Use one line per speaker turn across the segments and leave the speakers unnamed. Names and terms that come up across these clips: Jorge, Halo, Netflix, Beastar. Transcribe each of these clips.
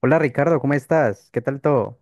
Hola, Ricardo, ¿cómo estás? ¿Qué tal todo?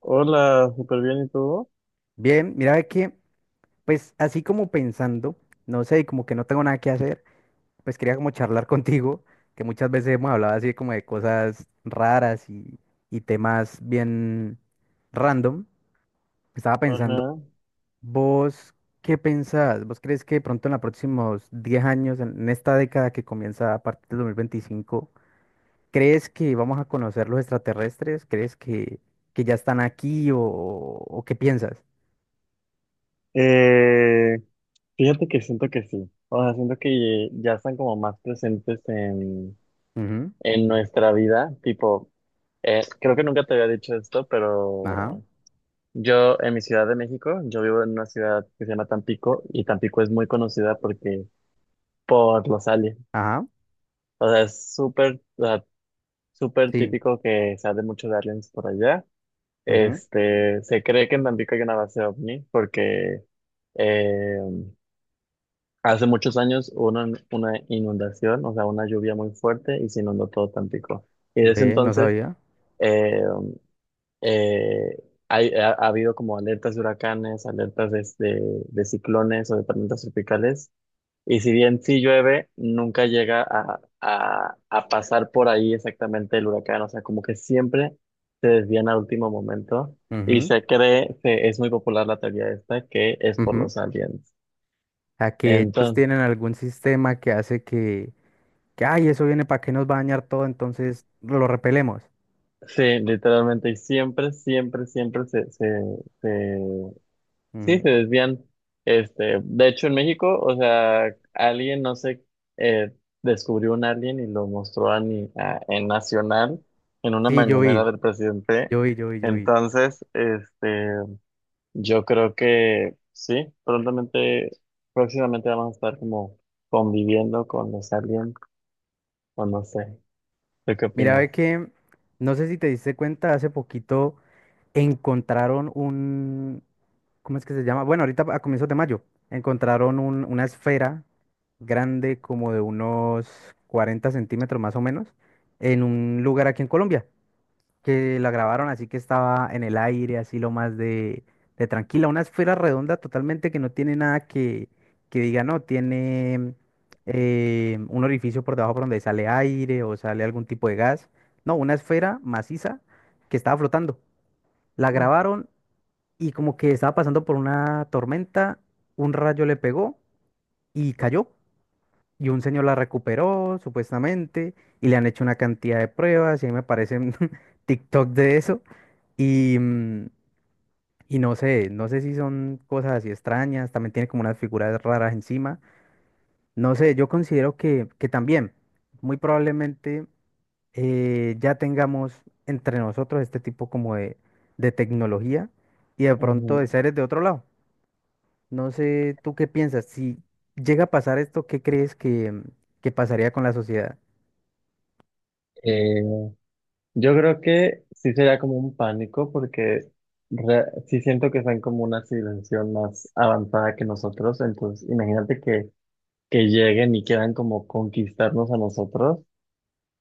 Hola, súper bien, ¿y tú?
Bien, mira ve que, pues así como pensando, no sé, como que no tengo nada que hacer, pues quería como charlar contigo, que muchas veces hemos hablado así como de cosas raras y temas bien random. Estaba pensando,
Ajá.
¿vos qué pensás? ¿Vos crees que de pronto en los próximos 10 años, en esta década que comienza a partir del 2025, crees que vamos a conocer los extraterrestres? ¿Crees que ya están aquí o qué piensas?
Eh, Fíjate que siento que sí. O sea, siento que ya están como más presentes
Ujú.
en nuestra vida. Tipo, creo que nunca te había dicho esto,
Ajá.
pero yo en mi ciudad de México, yo vivo en una ciudad que se llama Tampico y Tampico es muy conocida porque por los aliens.
Ajá,
O sea, es súper, o sea, súper
sí.
típico que se hable mucho de aliens por allá.
Ujú.
Este, se cree que en Tampico hay una base ovni porque eh, hace muchos años hubo una inundación, o sea, una lluvia muy fuerte y se inundó todo Tampico. Y desde
Ve, no
entonces
sabía.
eh, eh, ha habido como alertas de huracanes, alertas de ciclones o de tormentas tropicales y si bien sí llueve, nunca llega a pasar por ahí exactamente el huracán. O sea, como que siempre se desvían al último momento. Y
Ujú.
es muy popular la teoría esta, que es por
Ujú.
los aliens.
A que ellos
Entonces,
tienen algún sistema que hace que, ay, eso viene para que nos va a dañar todo, entonces lo repelemos.
sí, literalmente, y siempre, siempre, siempre se. Sí,
Ujú.
se desvían. Este, de hecho, en México, o sea, alguien, no sé, eh, descubrió un alien y lo mostró a, ni- a- en Nacional, en una
Sí, yo
mañanera
vi,
del presidente.
yo vi.
Entonces, este, yo creo que sí, próximamente vamos a estar como conviviendo con los aliens, o no sé, ¿tú qué
Mira,
opinas?
ve que, no sé si te diste cuenta, hace poquito encontraron un, ¿cómo es que se llama? Bueno, ahorita a comienzos de mayo, encontraron una esfera grande como de unos 40 centímetros más o menos en un lugar aquí en Colombia, que la grabaron así que estaba en el aire, así lo más de tranquila, una esfera redonda totalmente que no tiene nada que, que diga, no, tiene un orificio por debajo por donde sale aire o sale algún tipo de gas, no, una esfera maciza que estaba flotando. La grabaron y como que estaba pasando por una tormenta, un rayo le pegó y cayó. Y un señor la recuperó, supuestamente, y le han hecho una cantidad de pruebas, y ahí me aparecen TikTok de eso. Y, y no sé, no sé si son cosas así extrañas, también tiene como unas figuras raras encima. No sé, yo considero que también, muy probablemente, ya tengamos entre nosotros este tipo como de tecnología y de pronto de
Ujú.
seres de otro lado. No sé, ¿tú qué piensas? Si llega a pasar esto, ¿qué crees que, que pasaría con la sociedad?
Yo creo que sí sería como un pánico porque sí siento que están como una civilización más avanzada que nosotros, entonces imagínate que lleguen y quieran como conquistarnos a nosotros,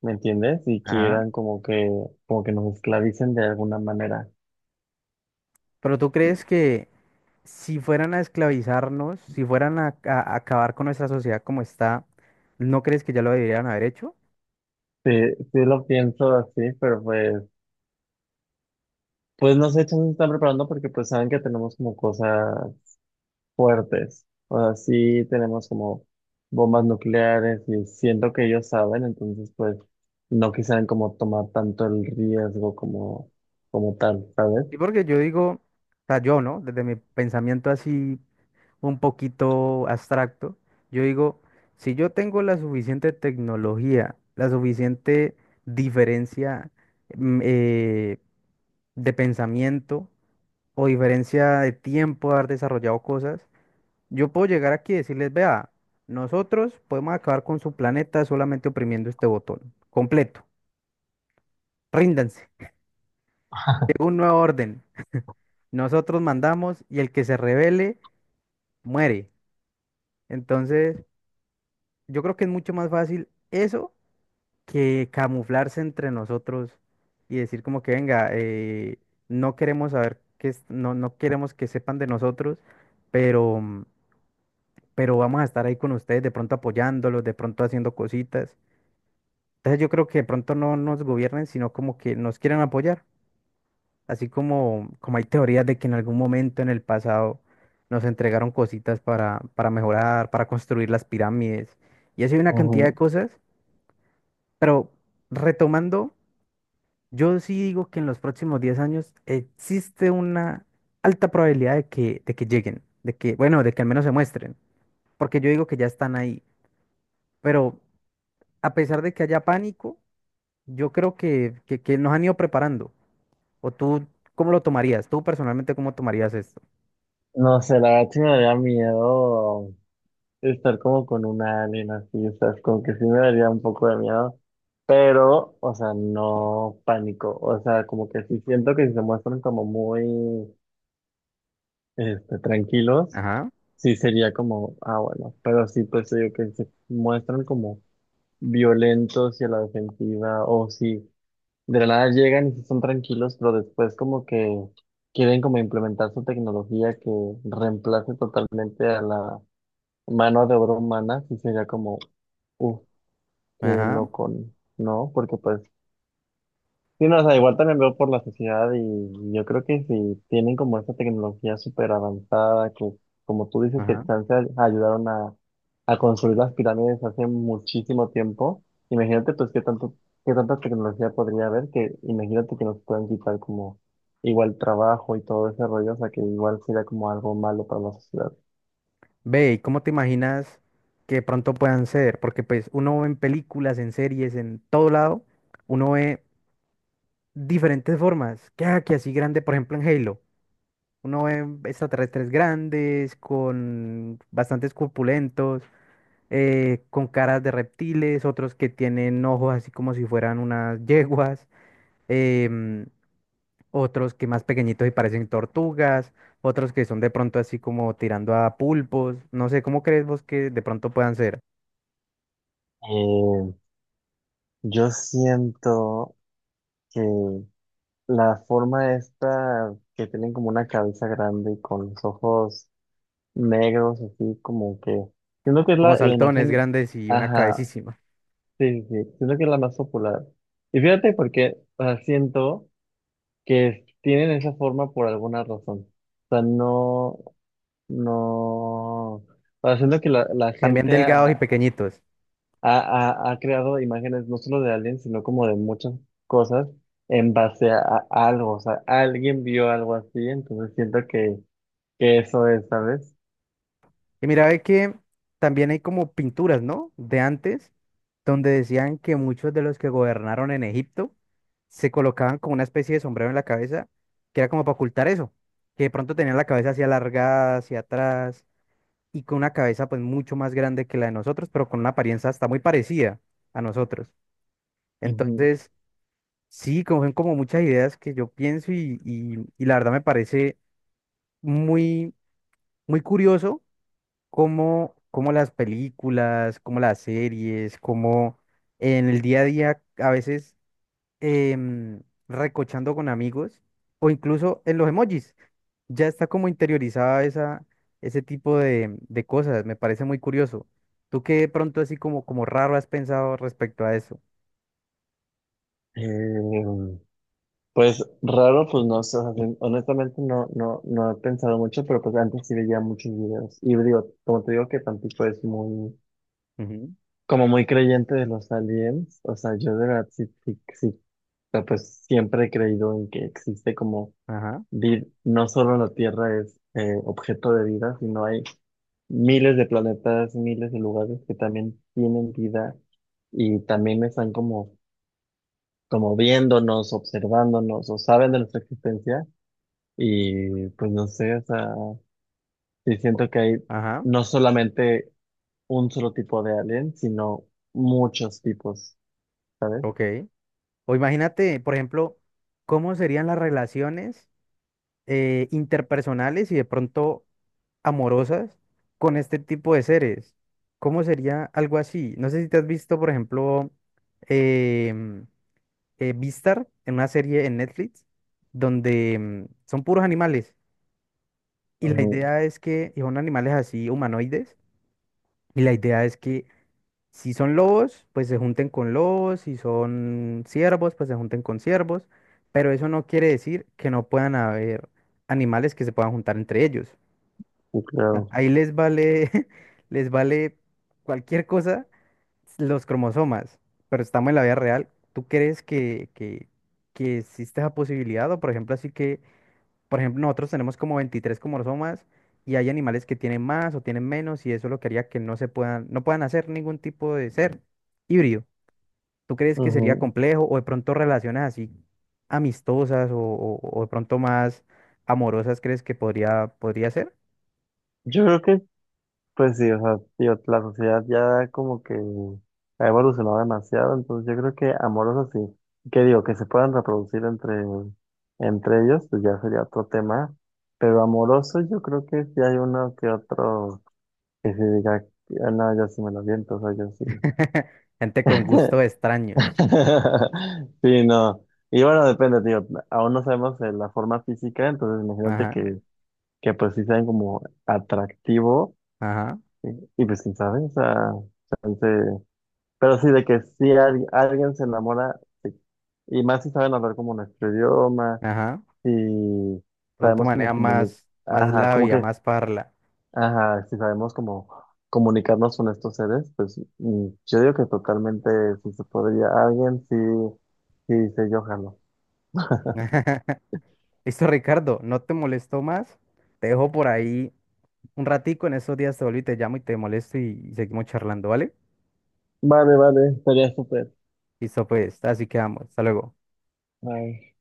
¿me entiendes? Y
Ajá.
quieran como como que nos esclavicen de alguna manera.
Pero tú crees que si fueran a esclavizarnos, si fueran a, a acabar con nuestra sociedad como está, ¿no crees que ya lo deberían haber hecho?
Sí, sí lo pienso así, pues no sé, chance se están preparando porque pues saben que tenemos como cosas fuertes. O sea, sí tenemos como bombas nucleares y siento que ellos saben, entonces pues no quisieran como tomar tanto el riesgo como, como tal, ¿sabes?
Sí, porque yo digo, o sea, yo, ¿no? Desde mi pensamiento así un poquito abstracto, yo digo, si yo tengo la suficiente tecnología, la suficiente diferencia mm, eh, de pensamiento, o diferencia de tiempo de haber desarrollado cosas, yo puedo llegar aquí y decirles, vea, nosotros podemos acabar con su planeta solamente oprimiendo este botón, completo, ríndanse, llega un nuevo orden, nosotros mandamos y el que se rebele muere. Entonces, yo creo que es mucho más fácil eso que camuflarse entre nosotros y decir como que, venga, no queremos saber que, no, no queremos que sepan de nosotros, pero... mm, pero vamos a estar ahí con ustedes, de pronto apoyándolos, de pronto haciendo cositas. Entonces yo creo que de pronto no nos gobiernen, sino como que nos quieren apoyar. Así como, como hay teorías de que en algún momento en el pasado nos entregaron cositas para mejorar, para construir las pirámides. Y así hay una cantidad de
Ujú.
cosas. Pero retomando, yo sí digo que en los próximos 10 años existe una alta probabilidad de que lleguen, de que, bueno, de que al menos se muestren. Porque yo digo que ya están ahí. Pero a pesar de que haya pánico, yo creo que nos han ido preparando. ¿O tú cómo lo tomarías? ¿Tú personalmente cómo tomarías esto?
No sé, la verdad sí me daría miedo estar como con una alien así, o sea, es como que sí me daría un poco de miedo, pero, o sea, no pánico, o sea, como que sí siento que si se muestran como muy, este, tranquilos.
Ajá.
Sí, sería como, ah, bueno, pero sí, pues te digo que se muestran como violentos y a la defensiva, o si de la nada llegan y sí son tranquilos, pero después como que quieren como implementar su tecnología que reemplace totalmente a la mano de obra humana, sí sería como, uff, qué
Ajá.
loco, ¿no? Porque pues sí. No, o sea, igual también veo por la sociedad y yo creo que si tienen como esta tecnología súper avanzada, que como tú dices que
Ajá.
chance ayudaron a construir las pirámides hace muchísimo tiempo, imagínate pues qué tanto, qué tanta tecnología podría haber, que imagínate que nos puedan quitar como igual trabajo y todo ese rollo, o sea que igual sería como algo malo para la sociedad.
Ve, ¿y cómo te imaginas que de pronto puedan ser? Porque pues uno ve en películas, en series, en todo lado, uno ve diferentes formas. ¿Qué que así grande, por ejemplo, en Halo? Uno ve extraterrestres grandes, con bastantes corpulentos. Con caras de reptiles, otros que tienen ojos así como si fueran unas yeguas, em, otros que más pequeñitos y parecen tortugas, otros que son de pronto así como tirando a pulpos, no sé, ¿cómo crees vos que de pronto puedan ser?
Eh, yo siento que la forma esta que tienen como una cabeza grande y con los ojos negros, así como que. Siento que es
Como
la
saltones
imagen.
grandes y una
Ajá,
cabecísima.
sí, sí, sí, siento que es la más popular. Y fíjate porque, o sea, siento que tienen esa forma por alguna razón. O sea, no, no. O sea, siento que la
También
gente
delgados y pequeñitos.
ha creado imágenes no solo de aliens, sino como de muchas cosas en base a algo. O sea, alguien vio algo así, entonces siento que eso es, ¿sabes?
Y mira, ve que también hay como pinturas, ¿no? De antes, donde decían que muchos de los que gobernaron en Egipto se colocaban como una especie de sombrero en la cabeza, que era como para ocultar eso, que de pronto tenían la cabeza así alargada, hacia atrás, y con una cabeza pues mucho más grande que la de nosotros, pero con una apariencia hasta muy parecida a nosotros.
Ujú.
Entonces, sí, como son como muchas ideas que yo pienso y la verdad me parece muy, muy curioso cómo, cómo las películas, cómo las series, cómo en el día a día, a veces em, recochando con amigos o incluso en los emojis, ya está como interiorizada esa, ese tipo de cosas. Me parece muy curioso. ¿Tú qué de pronto así como, como raro has pensado respecto a eso?
Eh, Pues raro, pues no sé, o sea, honestamente no, no, no he pensado mucho, pero pues antes sí veía muchos videos. Y digo, como te digo que Tampico es muy,
Ujú.
como muy creyente de los aliens, o sea, yo de verdad sí, sí, sí, o sea, pues siempre he creído en que existe como,
Ajá.
no solo la Tierra es objeto de vida, sino hay miles de planetas, miles de lugares que también tienen vida y también están como, como viéndonos, observándonos o saben de nuestra existencia. Y pues no sé, o sea, sí
o-
siento que hay
Ajá.
no solamente un solo tipo de alien, sino muchos tipos, ¿sabes?
Ok. O imagínate, por ejemplo, cómo serían las relaciones interpersonales y de pronto amorosas con este tipo de seres. ¿Cómo sería algo así? No sé si te has visto, por ejemplo, em, Beastar, en una serie en Netflix donde son puros animales y la
Ujú,
idea es que y son animales así humanoides y la idea es que si son lobos, pues se junten con lobos, si son ciervos, pues se junten con ciervos, pero eso no quiere decir que no puedan haber animales que se puedan juntar entre ellos.
sí,
Sea,
claro.
ahí les vale, les vale cualquier cosa los cromosomas, pero estamos en la vida real. ¿Tú crees que existe esa posibilidad? O por ejemplo, así que, por ejemplo, nosotros tenemos como 23 cromosomas y hay animales que tienen más o tienen menos y eso lo que haría que no se puedan, no puedan hacer ningún tipo de ser híbrido. ¿Tú crees que sería
Ujú.
complejo o de pronto relaciones así amistosas o, o de pronto más amorosas crees que podría, podría ser?
Yo creo que, pues sí, o sea, tío, la sociedad ya como que ha evolucionado demasiado, entonces yo creo que amorosos sí. ¿Qué digo? Que se puedan reproducir entre ellos, pues ya sería otro tema. Pero amoroso yo creo que sí hay uno que otro que se diga, "Ah, no, yo sí me lo viento, o sea, yo sí."
Gente con gustos extraños.
Sí, no. Y bueno, depende, tío. Aún no sabemos la forma física, entonces imagínate
Ajá.
que, que pues sí sean como atractivo
Ajá.
y, y, pues quién sabe, o sea, chance. Pero sí, de que si alguien se enamora, sí. Y más si saben hablar como nuestro idioma,
Ajá.
si
Pronto
sabemos como
maneja
comunicar,
más, más
ajá, como
labia,
que,
más parla.
ajá, si sabemos como comunicarnos con estos seres, pues mm, yo digo que totalmente si se podría, alguien sí, sí, se yo jalo.
Listo, Ricardo, no te molesto más. Te dejo por ahí un ratico. En esos días te vuelvo y te llamo y te molesto y seguimos charlando, ¿vale?
Vale, vale, estaría súper.
Listo, pues, así quedamos. Hasta luego.
Ay.